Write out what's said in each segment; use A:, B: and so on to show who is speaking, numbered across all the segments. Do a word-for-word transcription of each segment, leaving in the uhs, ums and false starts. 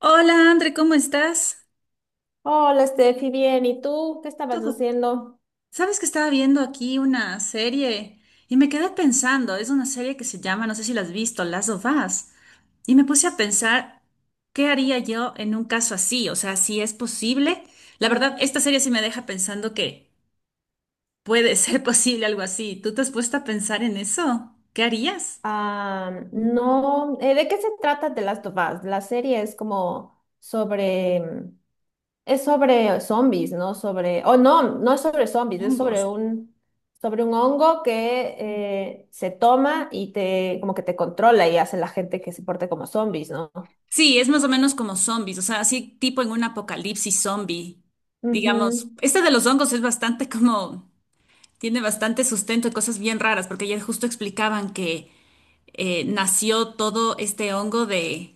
A: Hola, André, ¿cómo estás?
B: Hola, Steffi, bien. ¿Y tú qué estabas
A: Todo.
B: diciendo?
A: Sabes que estaba viendo aquí una serie y me quedé pensando, es una serie que se llama, no sé si la has visto, Last of Us, y me puse a pensar, ¿qué haría yo en un caso así? O sea, si es posible. La verdad, esta serie sí me deja pensando que puede ser posible algo así. ¿Tú te has puesto a pensar en eso? ¿Qué harías?
B: Ah, no, eh, ¿De qué se trata de las of Us? La serie es como sobre, mm, es sobre zombies, ¿no? Sobre, oh, no, no es sobre zombies, es
A: Hongos.
B: sobre un, sobre un hongo que eh, se toma y te, como que te controla y hace la gente que se porte como zombies, ¿no?
A: Sí, es más o menos como zombies, o sea, así tipo en un apocalipsis zombie. Digamos,
B: Ujú.
A: este de los hongos es bastante como. Tiene bastante sustento y cosas bien raras, porque ayer justo explicaban que eh, nació todo este hongo de,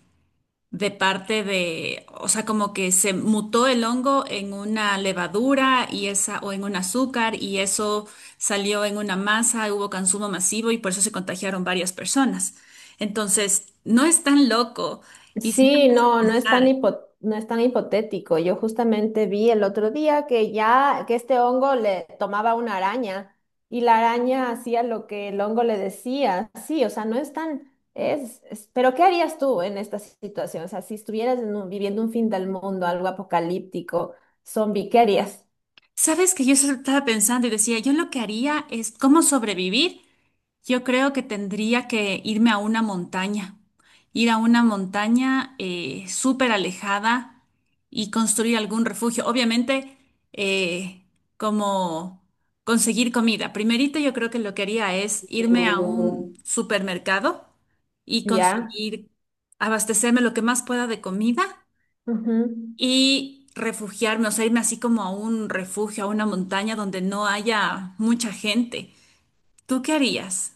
A: de parte de, o sea, como que se mutó el hongo en una levadura y esa, o en un azúcar, y eso salió en una masa, hubo consumo masivo y por eso se contagiaron varias personas. Entonces, no es tan loco. Y si te
B: Sí,
A: pones a
B: no, no es tan
A: pensar,
B: hipo- no es tan hipotético. Yo justamente vi el otro día que ya, que este hongo le tomaba una araña y la araña hacía lo que el hongo le decía. Sí, o sea, no es tan, es, es- pero ¿qué harías tú en esta situación? O sea, si estuvieras en un- viviendo un fin del mundo, algo apocalíptico, zombie, ¿qué harías?
A: sabes que yo solo estaba pensando y decía, yo lo que haría es cómo sobrevivir. Yo creo que tendría que irme a una montaña, ir a una montaña eh, súper alejada y construir algún refugio. Obviamente, eh, como conseguir comida. Primerito, yo creo que lo que haría es irme a un supermercado y
B: Ya.
A: conseguir abastecerme lo que más pueda de comida
B: Ujú.
A: y refugiarme, o sea, irme así como a un refugio, a una montaña donde no haya mucha gente. ¿Tú qué harías?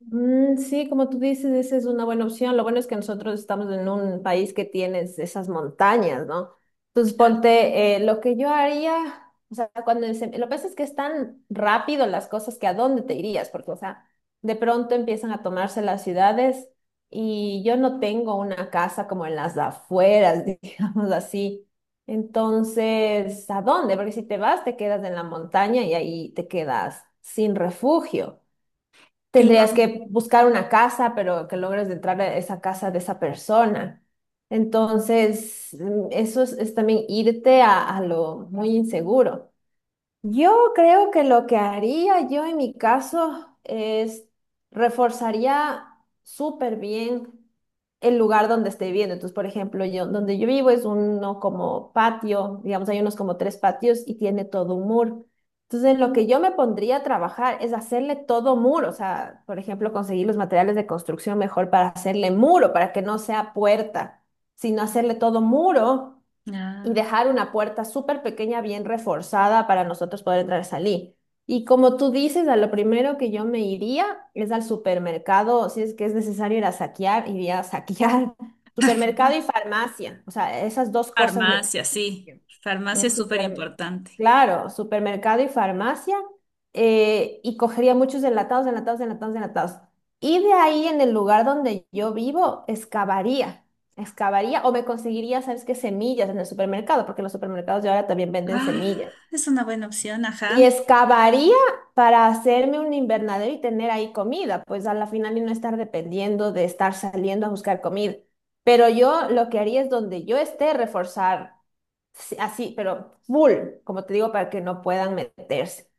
B: Mm, sí, como tú dices, esa es una buena opción. Lo bueno es que nosotros estamos en un país que tienes esas montañas, ¿no? Entonces, ponte, eh, lo que yo haría, o sea, cuando se- lo que pasa es que es tan rápido las cosas que a dónde te irías, porque, o sea, de pronto empiezan a tomarse las ciudades y yo no tengo una casa como en las afueras, digamos así. Entonces, ¿a dónde? Porque si te vas, te quedas en la montaña y ahí te quedas sin refugio. Tendrías
A: Claro.
B: que buscar una casa, pero que logres entrar a esa casa de esa persona. Entonces, mm, eso es, es también irte a, a lo muy inseguro. Yo creo que lo que haría yo en mi caso es reforzaría súper bien el lugar donde esté viviendo. Entonces, por ejemplo, yo donde yo vivo es uno como patio, digamos, hay unos como tres patios y tiene todo un muro. Entonces, lo que yo me pondría a trabajar es hacerle todo muro, o sea, por ejemplo, conseguir los materiales de construcción mejor para hacerle muro, para que no sea puerta, sino hacerle todo muro y
A: Ah.
B: dejar una puerta súper pequeña, bien reforzada para nosotros poder entrar y salir. Y como tú dices, a lo primero que yo me iría es al supermercado, si es que es necesario ir a saquear, iría a saquear supermercado y farmacia. O sea, esas dos cosas me...
A: Farmacia, sí.
B: Bien.
A: Farmacia
B: Un
A: es súper
B: super,
A: importante.
B: claro, supermercado y farmacia, eh, y cogería muchos enlatados, enlatados, enlatados, enlatados. Y de ahí, en el lugar donde yo vivo, excavaría, excavaría o me conseguiría, ¿sabes qué? Semillas en el supermercado, porque los supermercados de ahora también venden
A: Ah,
B: semillas.
A: es una buena opción,
B: Y
A: ajá.
B: excavaría para hacerme un invernadero y tener ahí comida, pues a la final y no estar dependiendo de estar saliendo a buscar comida. Pero yo lo que haría es donde yo esté, reforzar sí, así, pero full, como te digo, para que no puedan meterse.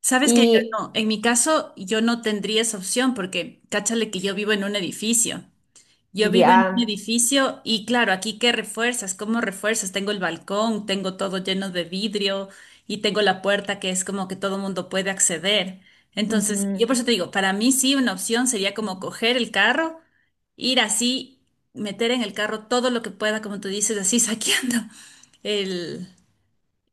A: Sabes que yo
B: Y
A: no, en mi caso yo no tendría esa opción porque cáchale que yo vivo en un edificio. Yo vivo en un
B: ya,
A: edificio y claro, aquí qué refuerzas, cómo refuerzas. Tengo el balcón, tengo todo lleno de vidrio y tengo la puerta que es como que todo mundo puede acceder. Entonces, yo por eso
B: ujú,
A: te digo, para mí sí una opción sería como coger el carro, ir así, meter en el carro todo lo que pueda, como tú dices, así saqueando el,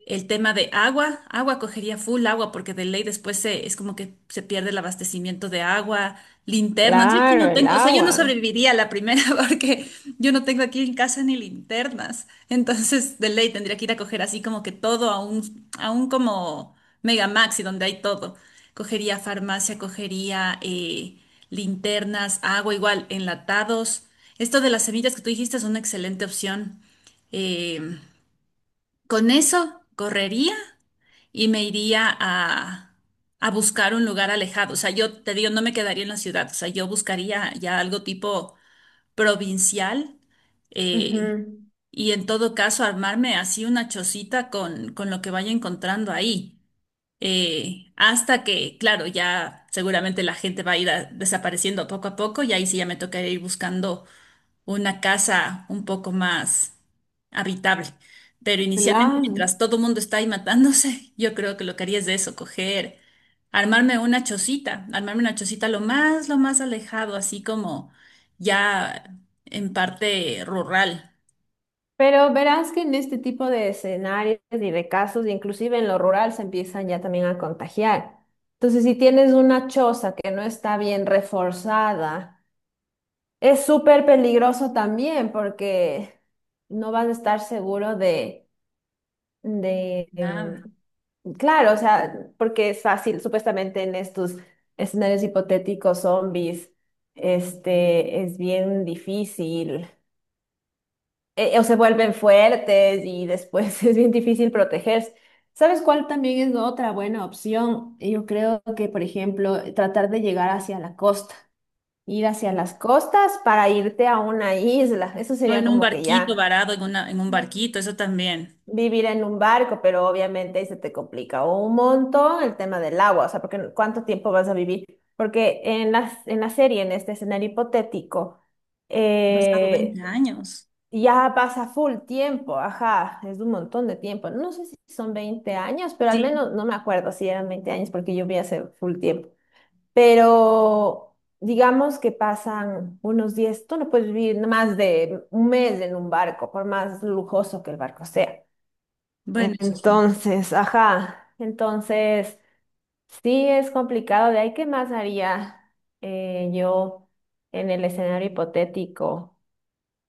A: el tema de agua, agua cogería full agua porque de ley después se, es como que se pierde el abastecimiento de agua, linternas. Yo aquí
B: claro,
A: no
B: el
A: tengo, o sea, yo no
B: agua.
A: sobreviviría a la primera porque yo no tengo aquí en casa ni linternas. Entonces, de ley tendría que ir a coger así como que todo a un, a un como Mega Maxi donde hay todo. Cogería farmacia, cogería eh, linternas, agua igual, enlatados. Esto de las semillas que tú dijiste es una excelente opción. Eh, con eso correría y me iría a, a buscar un lugar alejado. O sea, yo te digo, no me quedaría en la ciudad. O sea, yo buscaría ya algo tipo provincial eh,
B: Ujú.
A: y en todo caso armarme así una chocita con, con lo que vaya encontrando ahí. Eh, hasta que, claro, ya seguramente la gente va a ir a- desapareciendo poco a poco y ahí sí ya me tocaría ir buscando una casa un poco más habitable. Pero inicialmente,
B: Claro.
A: mientras todo el mundo está ahí matándose, yo creo que lo que haría es de eso, coger, armarme una chocita, armarme una chocita lo más, lo más alejado, así como ya en parte rural.
B: Pero verás que en este tipo de escenarios y de casos, inclusive en lo rural, se empiezan ya también a contagiar. Entonces, si tienes una choza que no está bien reforzada, es súper peligroso también porque no vas a estar seguro de de, em,
A: Nada.
B: claro, o sea, porque es fácil, supuestamente en estos escenarios hipotéticos, zombies, este, es bien difícil, eh, o se vuelven fuertes y después es bien difícil protegerse. ¿Sabes cuál también es otra buena opción? Yo creo que, por ejemplo, tratar de llegar hacia la costa, ir hacia las costas para irte a una isla, eso
A: O
B: sería
A: en un
B: como que
A: barquito
B: ya.
A: varado, en una, en un barquito, eso también.
B: Vivir en un barco, pero obviamente ahí se te complica un montón el tema del agua, o sea, porque cuánto tiempo vas a vivir, porque en la, en la serie, en este escenario hipotético,
A: Han pasado
B: eh,
A: veinte años.
B: ya pasa full tiempo, ajá, es un montón de tiempo, no sé si son veinte años, pero al
A: Sí.
B: menos no me acuerdo si eran veinte años porque yo vi hace full tiempo, pero digamos que pasan unos diez, tú no puedes vivir más de un mes en un barco, por más lujoso que el barco sea.
A: Bueno, eso sí.
B: Entonces, ajá, entonces sí es complicado. De ahí, ¿qué más haría eh, yo en el escenario hipotético?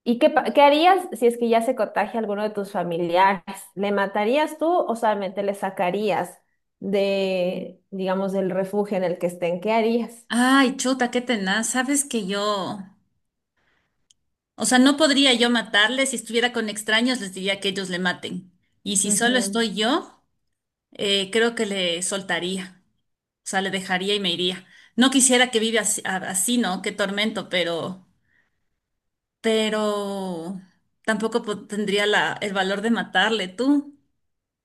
B: Y qué, pa- ¿qué harías si es que ya se contagia alguno de tus familiares? ¿Le matarías tú o solamente le sacarías de, digamos, del refugio en el que estén? ¿Qué harías?
A: Ay, chuta, qué tenaz. Sabes que yo. O sea, no podría yo matarle. Si estuviera con extraños, les diría que ellos le maten. Y si solo estoy yo, eh, creo que le soltaría. O sea, le dejaría y me iría. No quisiera que viva así, a- así, ¿no? Qué tormento, pero, pero tampoco po- tendría la, el valor de matarle. ¿Tú?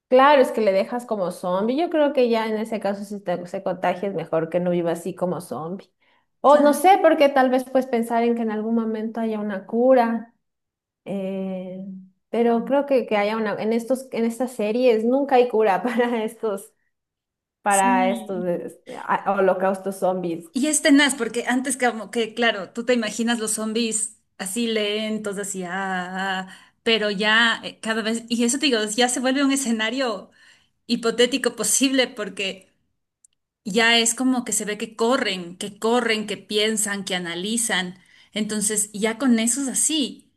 B: Claro, es que le dejas como zombie. Yo creo que ya en ese caso, si te, se contagia, es mejor que no viva así como zombie. O no
A: Claro,
B: sé, porque tal vez pues pensar en que en algún momento haya una cura. eh, pero creo que, que haya una, en estos, en estas series nunca hay cura para estos, para estos
A: sí.
B: eh, a- holocaustos zombies.
A: Y es tenaz, porque antes como que, claro, tú te imaginas los zombies así lentos, así, ah, ah, ah, pero ya eh, cada vez, y eso te digo, ya se vuelve un escenario hipotético posible, porque ya es como que se ve que corren, que corren, que piensan, que analizan. Entonces, ya con eso es así.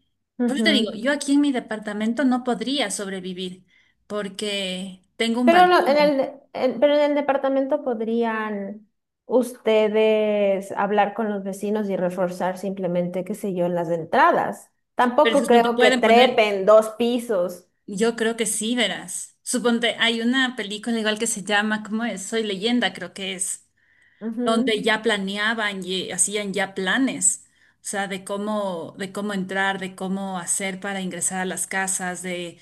A: Por eso te digo,
B: Ujú.
A: yo aquí en mi departamento no podría sobrevivir, porque tengo un
B: Pero lo- en
A: balcón,
B: el, de- en- pero en el departamento podrían ustedes hablar con los vecinos y reforzar simplemente, qué sé yo, las entradas.
A: pero es
B: Tampoco
A: que cuando
B: creo que
A: pueden poner...
B: trepen dos pisos.
A: Yo creo que sí, verás. Suponte, hay una película igual que se llama, ¿cómo es? Soy leyenda, creo que es,
B: Ujú,
A: donde ya planeaban y hacían ya planes, o sea, de cómo, de cómo entrar, de cómo hacer para ingresar a las casas, de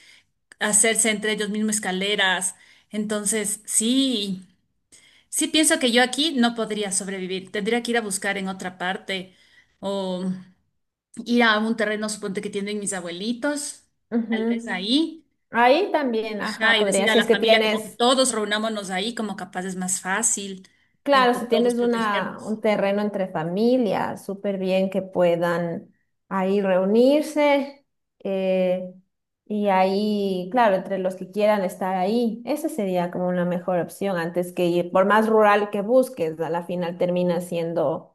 A: hacerse entre ellos mismos escaleras. Entonces, sí, sí pienso que yo aquí no podría sobrevivir. Tendría que ir a buscar en otra parte o ir a un terreno, suponte que tienen mis abuelitos, tal vez
B: ujú.
A: ahí.
B: Ahí también, ajá,
A: Ajá, y
B: podría,
A: decir a
B: si
A: la
B: es que
A: familia como que
B: tienes...
A: todos reunámonos ahí, como capaz es más fácil
B: Claro,
A: entre
B: si
A: todos
B: tienes una,
A: protegernos.
B: un terreno entre familias, súper bien que puedan ahí reunirse eh, y ahí, claro, entre los que quieran estar ahí, esa sería como una mejor opción antes que ir, por más rural que busques, a la final termina siendo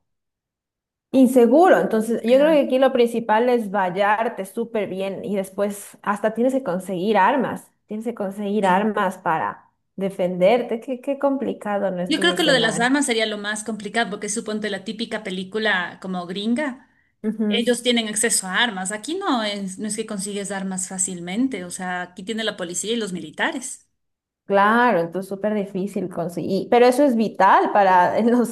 B: inseguro. Entonces, yo creo que
A: Claro,
B: aquí lo principal es vallarte súper bien y después hasta tienes que conseguir armas, tienes que conseguir
A: sí.
B: armas para defenderte. Qué, qué complicado en
A: Yo
B: estos
A: creo que lo de las
B: escenarios.
A: armas sería lo más complicado, porque suponte la típica película como gringa,
B: Ujú,
A: ellos tienen acceso a armas. Aquí no es, no es que consigues armas fácilmente, o sea, aquí tiene la policía y los militares.
B: claro, entonces súper difícil conseguir, pero eso es vital para los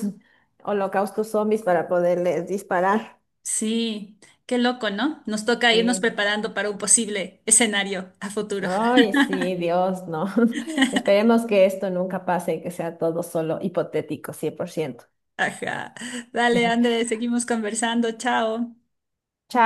B: holocaustos zombies para poderles disparar.
A: Sí, qué loco, ¿no? Nos toca irnos
B: Sí.
A: preparando para un posible escenario a futuro.
B: Ay, sí, Dios, no. Esperemos que esto nunca pase y que sea todo solo hipotético, cien por ciento.
A: Ajá. Dale, Andrés, seguimos conversando. Chao.
B: Chao.